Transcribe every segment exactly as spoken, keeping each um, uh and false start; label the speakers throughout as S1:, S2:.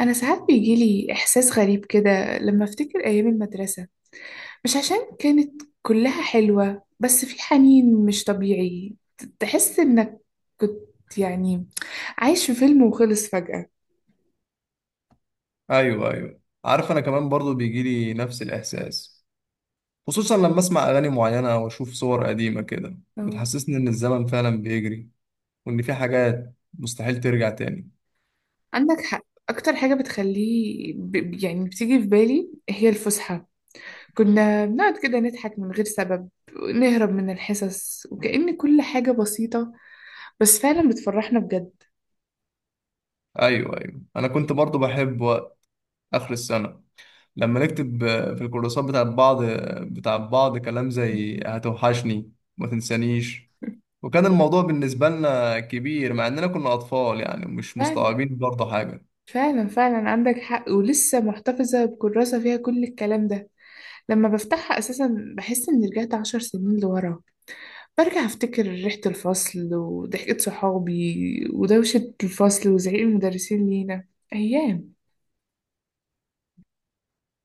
S1: أنا ساعات بيجيلي إحساس غريب كده لما أفتكر أيام المدرسة. مش عشان كانت كلها حلوة، بس في حنين مش طبيعي. ت- تحس إنك كنت يعني عايش في فيلم وخلص فجأة.
S2: ايوه ايوه عارف، انا كمان برضو بيجي لي نفس الاحساس. خصوصا لما اسمع اغاني معينه او اشوف صور قديمه كده
S1: أه.
S2: بتحسسني ان الزمن فعلا بيجري وان في حاجات مستحيل ترجع تاني.
S1: عندك حق. أكتر حاجة بتخليه ب... يعني بتيجي في بالي هي الفسحة. كنا بنقعد كده نضحك من غير سبب، نهرب من الحصص، وكأن كل حاجة بسيطة بس فعلا بتفرحنا بجد.
S2: ايوه ايوه انا كنت برضو بحب وقت اخر السنه لما نكتب آه، في الكورسات بتاعت بعض بتاع بعض كلام زي هتوحشني ما تنسانيش، وكان الموضوع بالنسبه لنا كبير مع اننا كنا اطفال يعني مش
S1: فعلا
S2: مستوعبين برضو حاجه.
S1: فعلا فعلا عندك حق، ولسه محتفظة بكراسة فيها كل الكلام ده. لما بفتحها أساسا بحس إني رجعت عشر سنين لورا. برجع أفتكر ريحة الفصل وضحكة صحابي ودوشة الفصل وزعيق المدرسين لينا. أيام.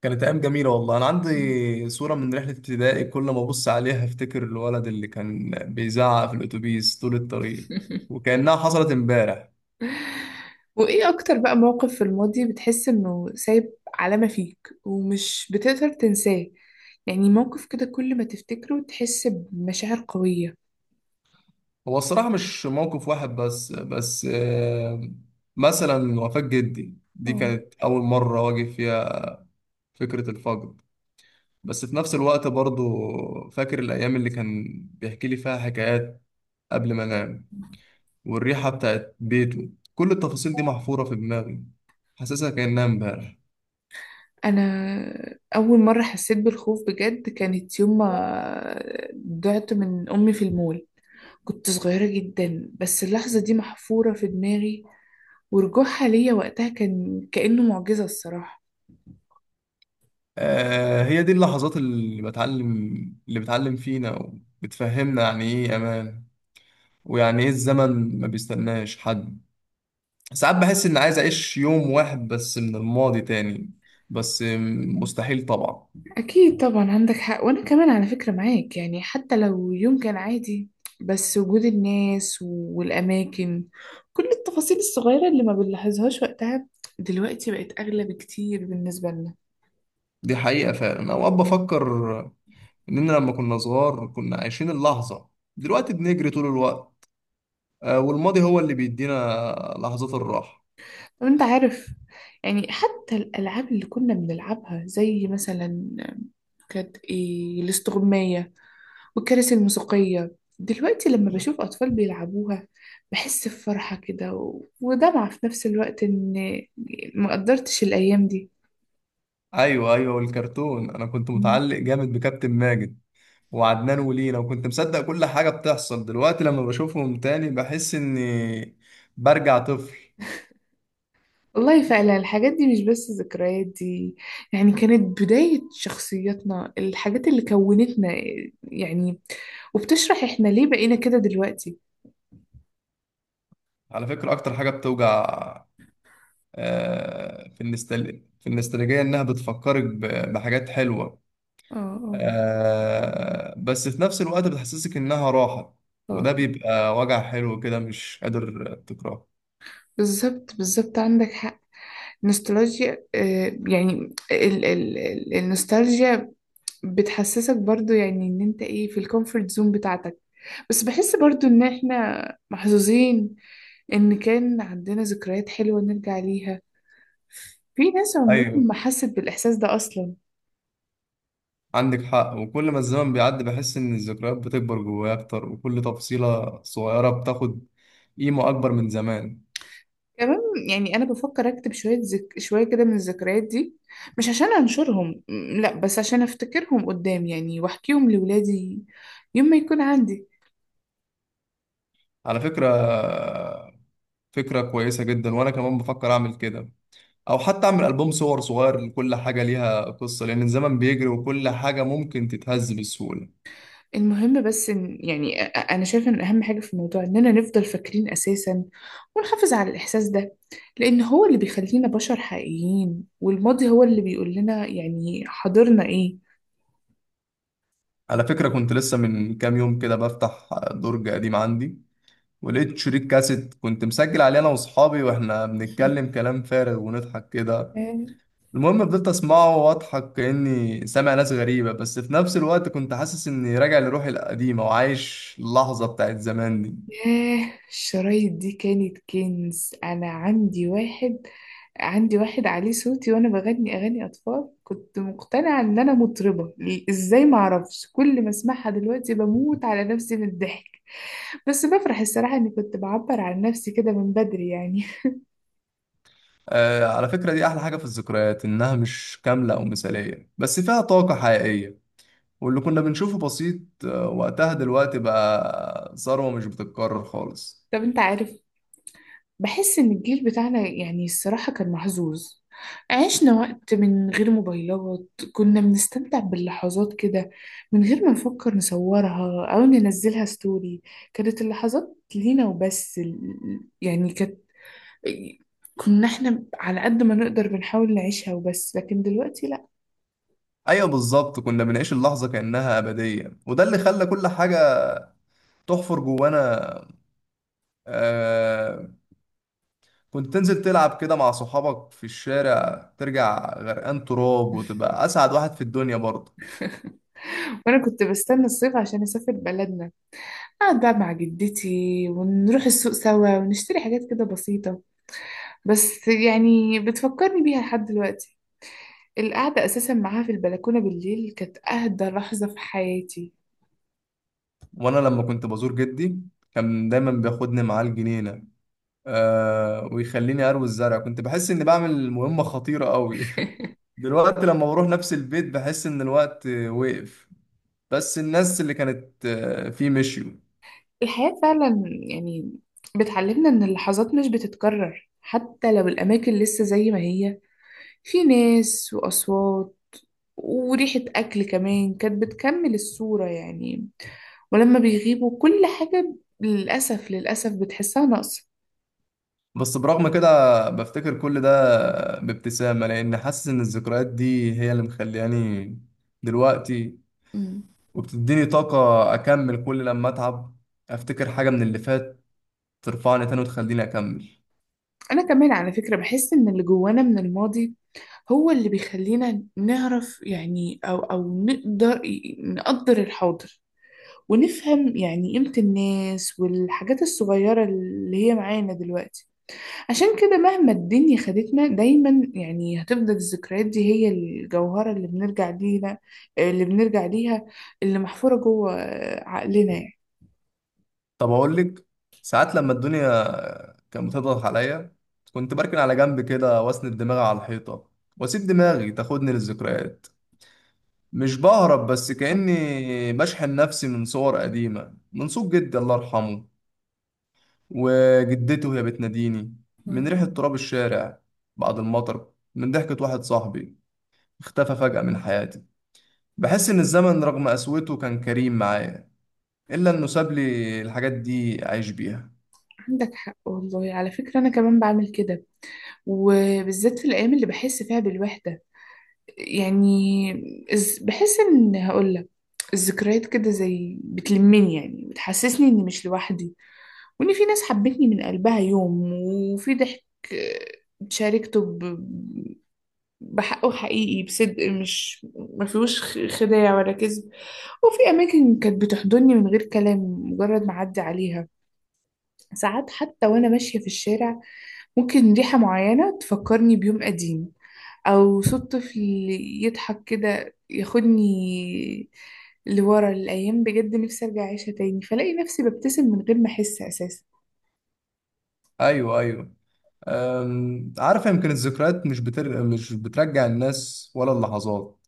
S2: كانت أيام جميلة والله. أنا عندي صورة من رحلة ابتدائي كل ما أبص عليها أفتكر الولد اللي كان بيزعق في الأتوبيس طول الطريق وكأنها حصلت إمبارح.
S1: وإيه أكتر بقى موقف في الماضي بتحس إنه سايب علامة فيك ومش بتقدر تنساه؟ يعني موقف كده كل ما تفتكره تحس بمشاعر قوية.
S2: هو الصراحة مش موقف واحد بس بس آه، مثلا وفاة جدي دي
S1: اه.
S2: كانت أول مرة واجه فيها فكرة الفقد. بس في نفس الوقت برضو فاكر الأيام اللي كان بيحكي لي فيها حكايات قبل ما أنام، والريحة بتاعت بيته، كل التفاصيل دي محفورة في دماغي حاسسها كأنها إمبارح.
S1: انا اول مره حسيت بالخوف بجد كانت يوم ما ضعت من امي في المول. كنت صغيره جدا، بس اللحظه دي محفوره في دماغي. ورجوعها ليا وقتها كان كانه معجزه الصراحه.
S2: آه، هي دي اللحظات اللي بتعلم، اللي بتعلم فينا وبتفهمنا يعني ايه امان ويعني ايه الزمن ما بيستناش حد. ساعات بحس اني عايز اعيش يوم واحد بس من الماضي تاني، بس مستحيل طبعا.
S1: اكيد طبعا عندك حق. وانا كمان على فكره معاك، يعني حتى لو يوم كان عادي، بس وجود الناس والاماكن، كل التفاصيل الصغيره اللي ما بنلاحظهاش وقتها دلوقتي بقت اغلى بكتير بالنسبه لنا.
S2: دي حقيقة فعلا. اوقات بفكر اننا لما كنا صغار كنا عايشين اللحظة، دلوقتي بنجري طول الوقت آه، والماضي هو اللي بيدينا لحظات الراحة.
S1: وانت عارف، يعني حتى الألعاب اللي كنا بنلعبها زي مثلا كانت ايه الاستغماية والكراسي الموسيقية، دلوقتي لما بشوف أطفال بيلعبوها بحس بفرحة كده و- ودمعة في نفس الوقت إن ما قدرتش الأيام دي.
S2: ايوه ايوه والكرتون، انا كنت
S1: مم.
S2: متعلق جامد بكابتن ماجد وعدنان ولينا وكنت مصدق كل حاجة بتحصل. دلوقتي لما بشوفهم تاني بحس إني برجع طفل.
S1: والله فعلا الحاجات دي مش بس ذكريات، دي يعني كانت بداية شخصياتنا، الحاجات اللي كونتنا يعني، وبتشرح احنا ليه بقينا كده دلوقتي.
S2: على فكرة أكتر حاجة بتوجع آه، في النستل... في النستالجية إنها بتفكرك ب... بحاجات حلوة.
S1: اه اه.
S2: آه، بس في نفس الوقت بتحسسك إنها راحة، وده
S1: آه.
S2: بيبقى وجع حلو كده مش قادر تكرهه.
S1: بالظبط بالظبط عندك حق. نوستالجيا، آه، يعني ال ال ال النوستالجيا بتحسسك برضو، يعني ان انت ايه في الكومفورت زون بتاعتك. بس بحس برضو ان احنا محظوظين ان كان عندنا ذكريات حلوة نرجع ليها. في ناس عمرهم
S2: أيوه
S1: ما حست بالاحساس ده اصلا.
S2: عندك حق، وكل ما الزمن بيعدي بحس إن الذكريات بتكبر جوايا أكتر وكل تفصيلة صغيرة بتاخد قيمة أكبر من زمان.
S1: كمان يعني انا بفكر اكتب شوية ذك... شوية كده من الذكريات دي. مش عشان انشرهم، م، لا، بس عشان افتكرهم قدام يعني واحكيهم لولادي يوم ما يكون عندي.
S2: على فكرة، فكرة كويسة جدا وأنا كمان بفكر أعمل كده، أو حتى أعمل ألبوم صور صغير لكل حاجة ليها قصة لأن الزمن بيجري وكل حاجة ممكن تتهز بسهولة.
S1: المهم بس إن يعني أ- أ- أنا شايفة إن أهم حاجة في الموضوع إننا نفضل فاكرين أساسا ونحافظ على الإحساس ده، لأن هو اللي بيخلينا بشر حقيقيين، والماضي هو اللي بيقول لنا يعني حاضرنا إيه.
S2: على فكرة كنت لسه من كام يوم كده بفتح درج قديم عندي ولقيت شريط كاسيت كنت مسجل عليه أنا وأصحابي وإحنا بنتكلم كلام فارغ ونضحك كده.
S1: آه،
S2: المهم فضلت أسمعه وأضحك كأني سامع ناس غريبة، بس في نفس الوقت كنت حاسس إني راجع لروحي القديمة وعايش اللحظة بتاعت زمان دي.
S1: ياه، الشرايط دي كانت كنز. أنا عندي واحد عندي واحد عليه صوتي وأنا بغني أغاني أطفال، كنت مقتنعة إن أنا مطربة. إزاي معرفش! كل ما أسمعها دلوقتي بموت على نفسي من الضحك. بس بفرح الصراحة إني كنت بعبر عن نفسي كده من بدري يعني.
S2: آه على فكرة دي أحلى حاجة في الذكريات، إنها مش كاملة أو مثالية بس فيها طاقة حقيقية، واللي كنا بنشوفه بسيط آه، وقتها دلوقتي بقى ثروة مش بتتكرر خالص.
S1: طب أنت عارف، بحس إن الجيل بتاعنا يعني الصراحة كان محظوظ. عشنا وقت من غير موبايلات، كنا بنستمتع باللحظات كده من غير ما نفكر نصورها أو ننزلها ستوري. كانت اللحظات لينا وبس، ال- يعني كانت، كنا احنا على قد ما نقدر بنحاول نعيشها وبس، لكن دلوقتي لأ.
S2: أيوة بالظبط، كنا بنعيش اللحظة كأنها أبدية وده اللي خلى كل حاجة تحفر جوانا. آه كنت تنزل تلعب كده مع صحابك في الشارع ترجع غرقان تراب وتبقى أسعد واحد في الدنيا برضه.
S1: وأنا كنت بستنى الصيف عشان أسافر بلدنا، أقعد بقى مع جدتي ونروح السوق سوا ونشتري حاجات كده بسيطة، بس يعني بتفكرني بيها لحد دلوقتي. القعدة أساسا معاها في البلكونة بالليل كانت أهدى لحظة في حياتي.
S2: وأنا لما كنت بزور جدي كان دايما بياخدني معاه الجنينة آه ويخليني اروي الزرع، كنت بحس اني بعمل مهمة خطيرة قوي. دلوقتي لما بروح نفس البيت بحس ان الوقت وقف، بس الناس اللي كانت آه، فيه مشيوا.
S1: الحياة فعلا يعني بتعلمنا إن اللحظات مش بتتكرر حتى لو الأماكن لسه زي ما هي. في ناس وأصوات وريحة أكل كمان كانت بتكمل الصورة يعني، ولما بيغيبوا كل حاجة للأسف للأسف بتحسها ناقصة.
S2: بس برغم كده بفتكر كل ده بابتسامة، لأن حاسس إن الذكريات دي هي اللي مخلياني دلوقتي، وبتديني طاقة أكمل. كل لما أتعب أفتكر حاجة من اللي فات ترفعني تاني وتخليني أكمل.
S1: أنا كمان على فكرة بحس إن اللي جوانا من الماضي هو اللي بيخلينا نعرف يعني أو أو نقدر نقدر الحاضر، ونفهم يعني قيمة الناس والحاجات الصغيرة اللي هي معانا دلوقتي. عشان كده مهما الدنيا خدتنا دايما، يعني هتفضل الذكريات دي هي الجوهرة اللي بنرجع ليها اللي بنرجع ليها اللي محفورة جوه عقلنا يعني.
S2: طب اقول لك، ساعات لما الدنيا كانت بتضغط عليا كنت بركن على جنب كده واسند دماغي على الحيطه واسيب دماغي تاخدني للذكريات. مش بهرب، بس كاني بشحن نفسي من صور قديمه، من صوت جدي الله يرحمه وجدته وهي بتناديني، من
S1: الله.
S2: ريحه تراب الشارع بعد المطر، من ضحكه واحد صاحبي اختفى فجاه من حياتي. بحس ان الزمن رغم قسوته كان كريم معايا الا انه ساب لي الحاجات دي اعيش بيها.
S1: عندك حق والله. على فكرة أنا كمان بعمل كده، وبالذات في الأيام اللي بحس فيها بالوحدة يعني. إز- بحس إن، هقولك، الذكريات كده زي بتلمني يعني، بتحسسني إني مش لوحدي، وإن في ناس حبتني من قلبها يوم، وفي ضحك آه، شاركته ب- بحقه حقيقي بصدق، مش ما فيهوش خ- خداع ولا كذب. وفي أماكن كانت بتحضني من غير كلام مجرد ما أعدي عليها. ساعات حتى وأنا ماشية في الشارع ممكن ريحة معينة تفكرني بيوم قديم، او صوت طفل يضحك كده ياخدني لورا الايام. بجد نفسي ارجع اعيشها تاني، فلاقي نفسي ببتسم من غير ما احس اساسا.
S2: ايوه ايوه أم، عارف، يمكن الذكريات مش بتر... مش بترجع الناس ولا اللحظات،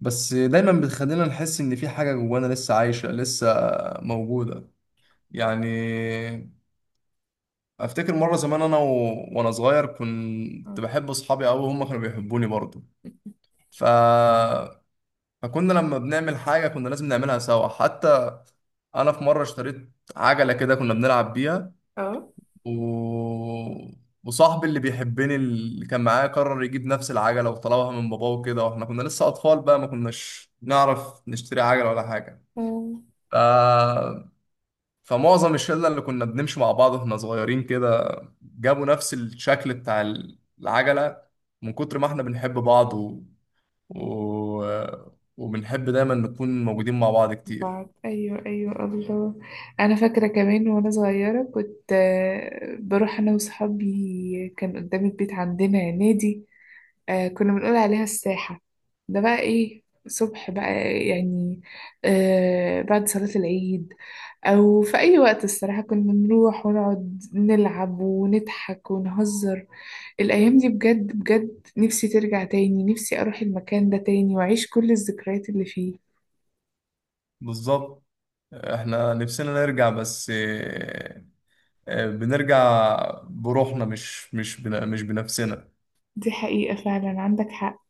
S2: بس دايما بتخلينا نحس ان في حاجة جوانا لسه عايشة لسه موجودة يعني. افتكر مرة زمان انا و... وانا صغير كنت بحب اصحابي قوي وهم كانوا بيحبوني برضه، ف... فكنا لما بنعمل حاجة كنا لازم نعملها سوا. حتى انا في مرة اشتريت عجلة كده كنا بنلعب بيها،
S1: اه
S2: و... وصاحبي اللي بيحبني اللي كان معايا قرر يجيب نفس العجلة وطلبها من باباه وكده، واحنا كنا لسه أطفال بقى ما كناش نعرف نشتري عجلة ولا حاجة.
S1: اه.
S2: ف... فمعظم الشلة اللي كنا بنمشي مع بعض واحنا صغيرين كده جابوا نفس الشكل بتاع ال- العجلة، من كتر ما احنا بنحب بعض و... و... وبنحب دايما نكون موجودين مع بعض كتير.
S1: بعد ايوه ايوه، الله. انا فاكره كمان وانا صغيره كنت، آه، بروح انا وصحابي، كان قدام البيت عندنا نادي. آه كنا بنقول عليها الساحة. ده بقى إيه صبح بقى، يعني آه بعد صلاة العيد أو في أي وقت الصراحة كنا نروح ونقعد نلعب ونضحك ونهزر. الأيام دي بجد بجد نفسي ترجع تاني، نفسي أروح المكان ده تاني وأعيش كل الذكريات اللي فيه.
S2: بالظبط احنا نفسنا نرجع، بس آه، بنرجع بروحنا مش مش بن- مش بنفسنا.
S1: دي حقيقة فعلا عندك حق.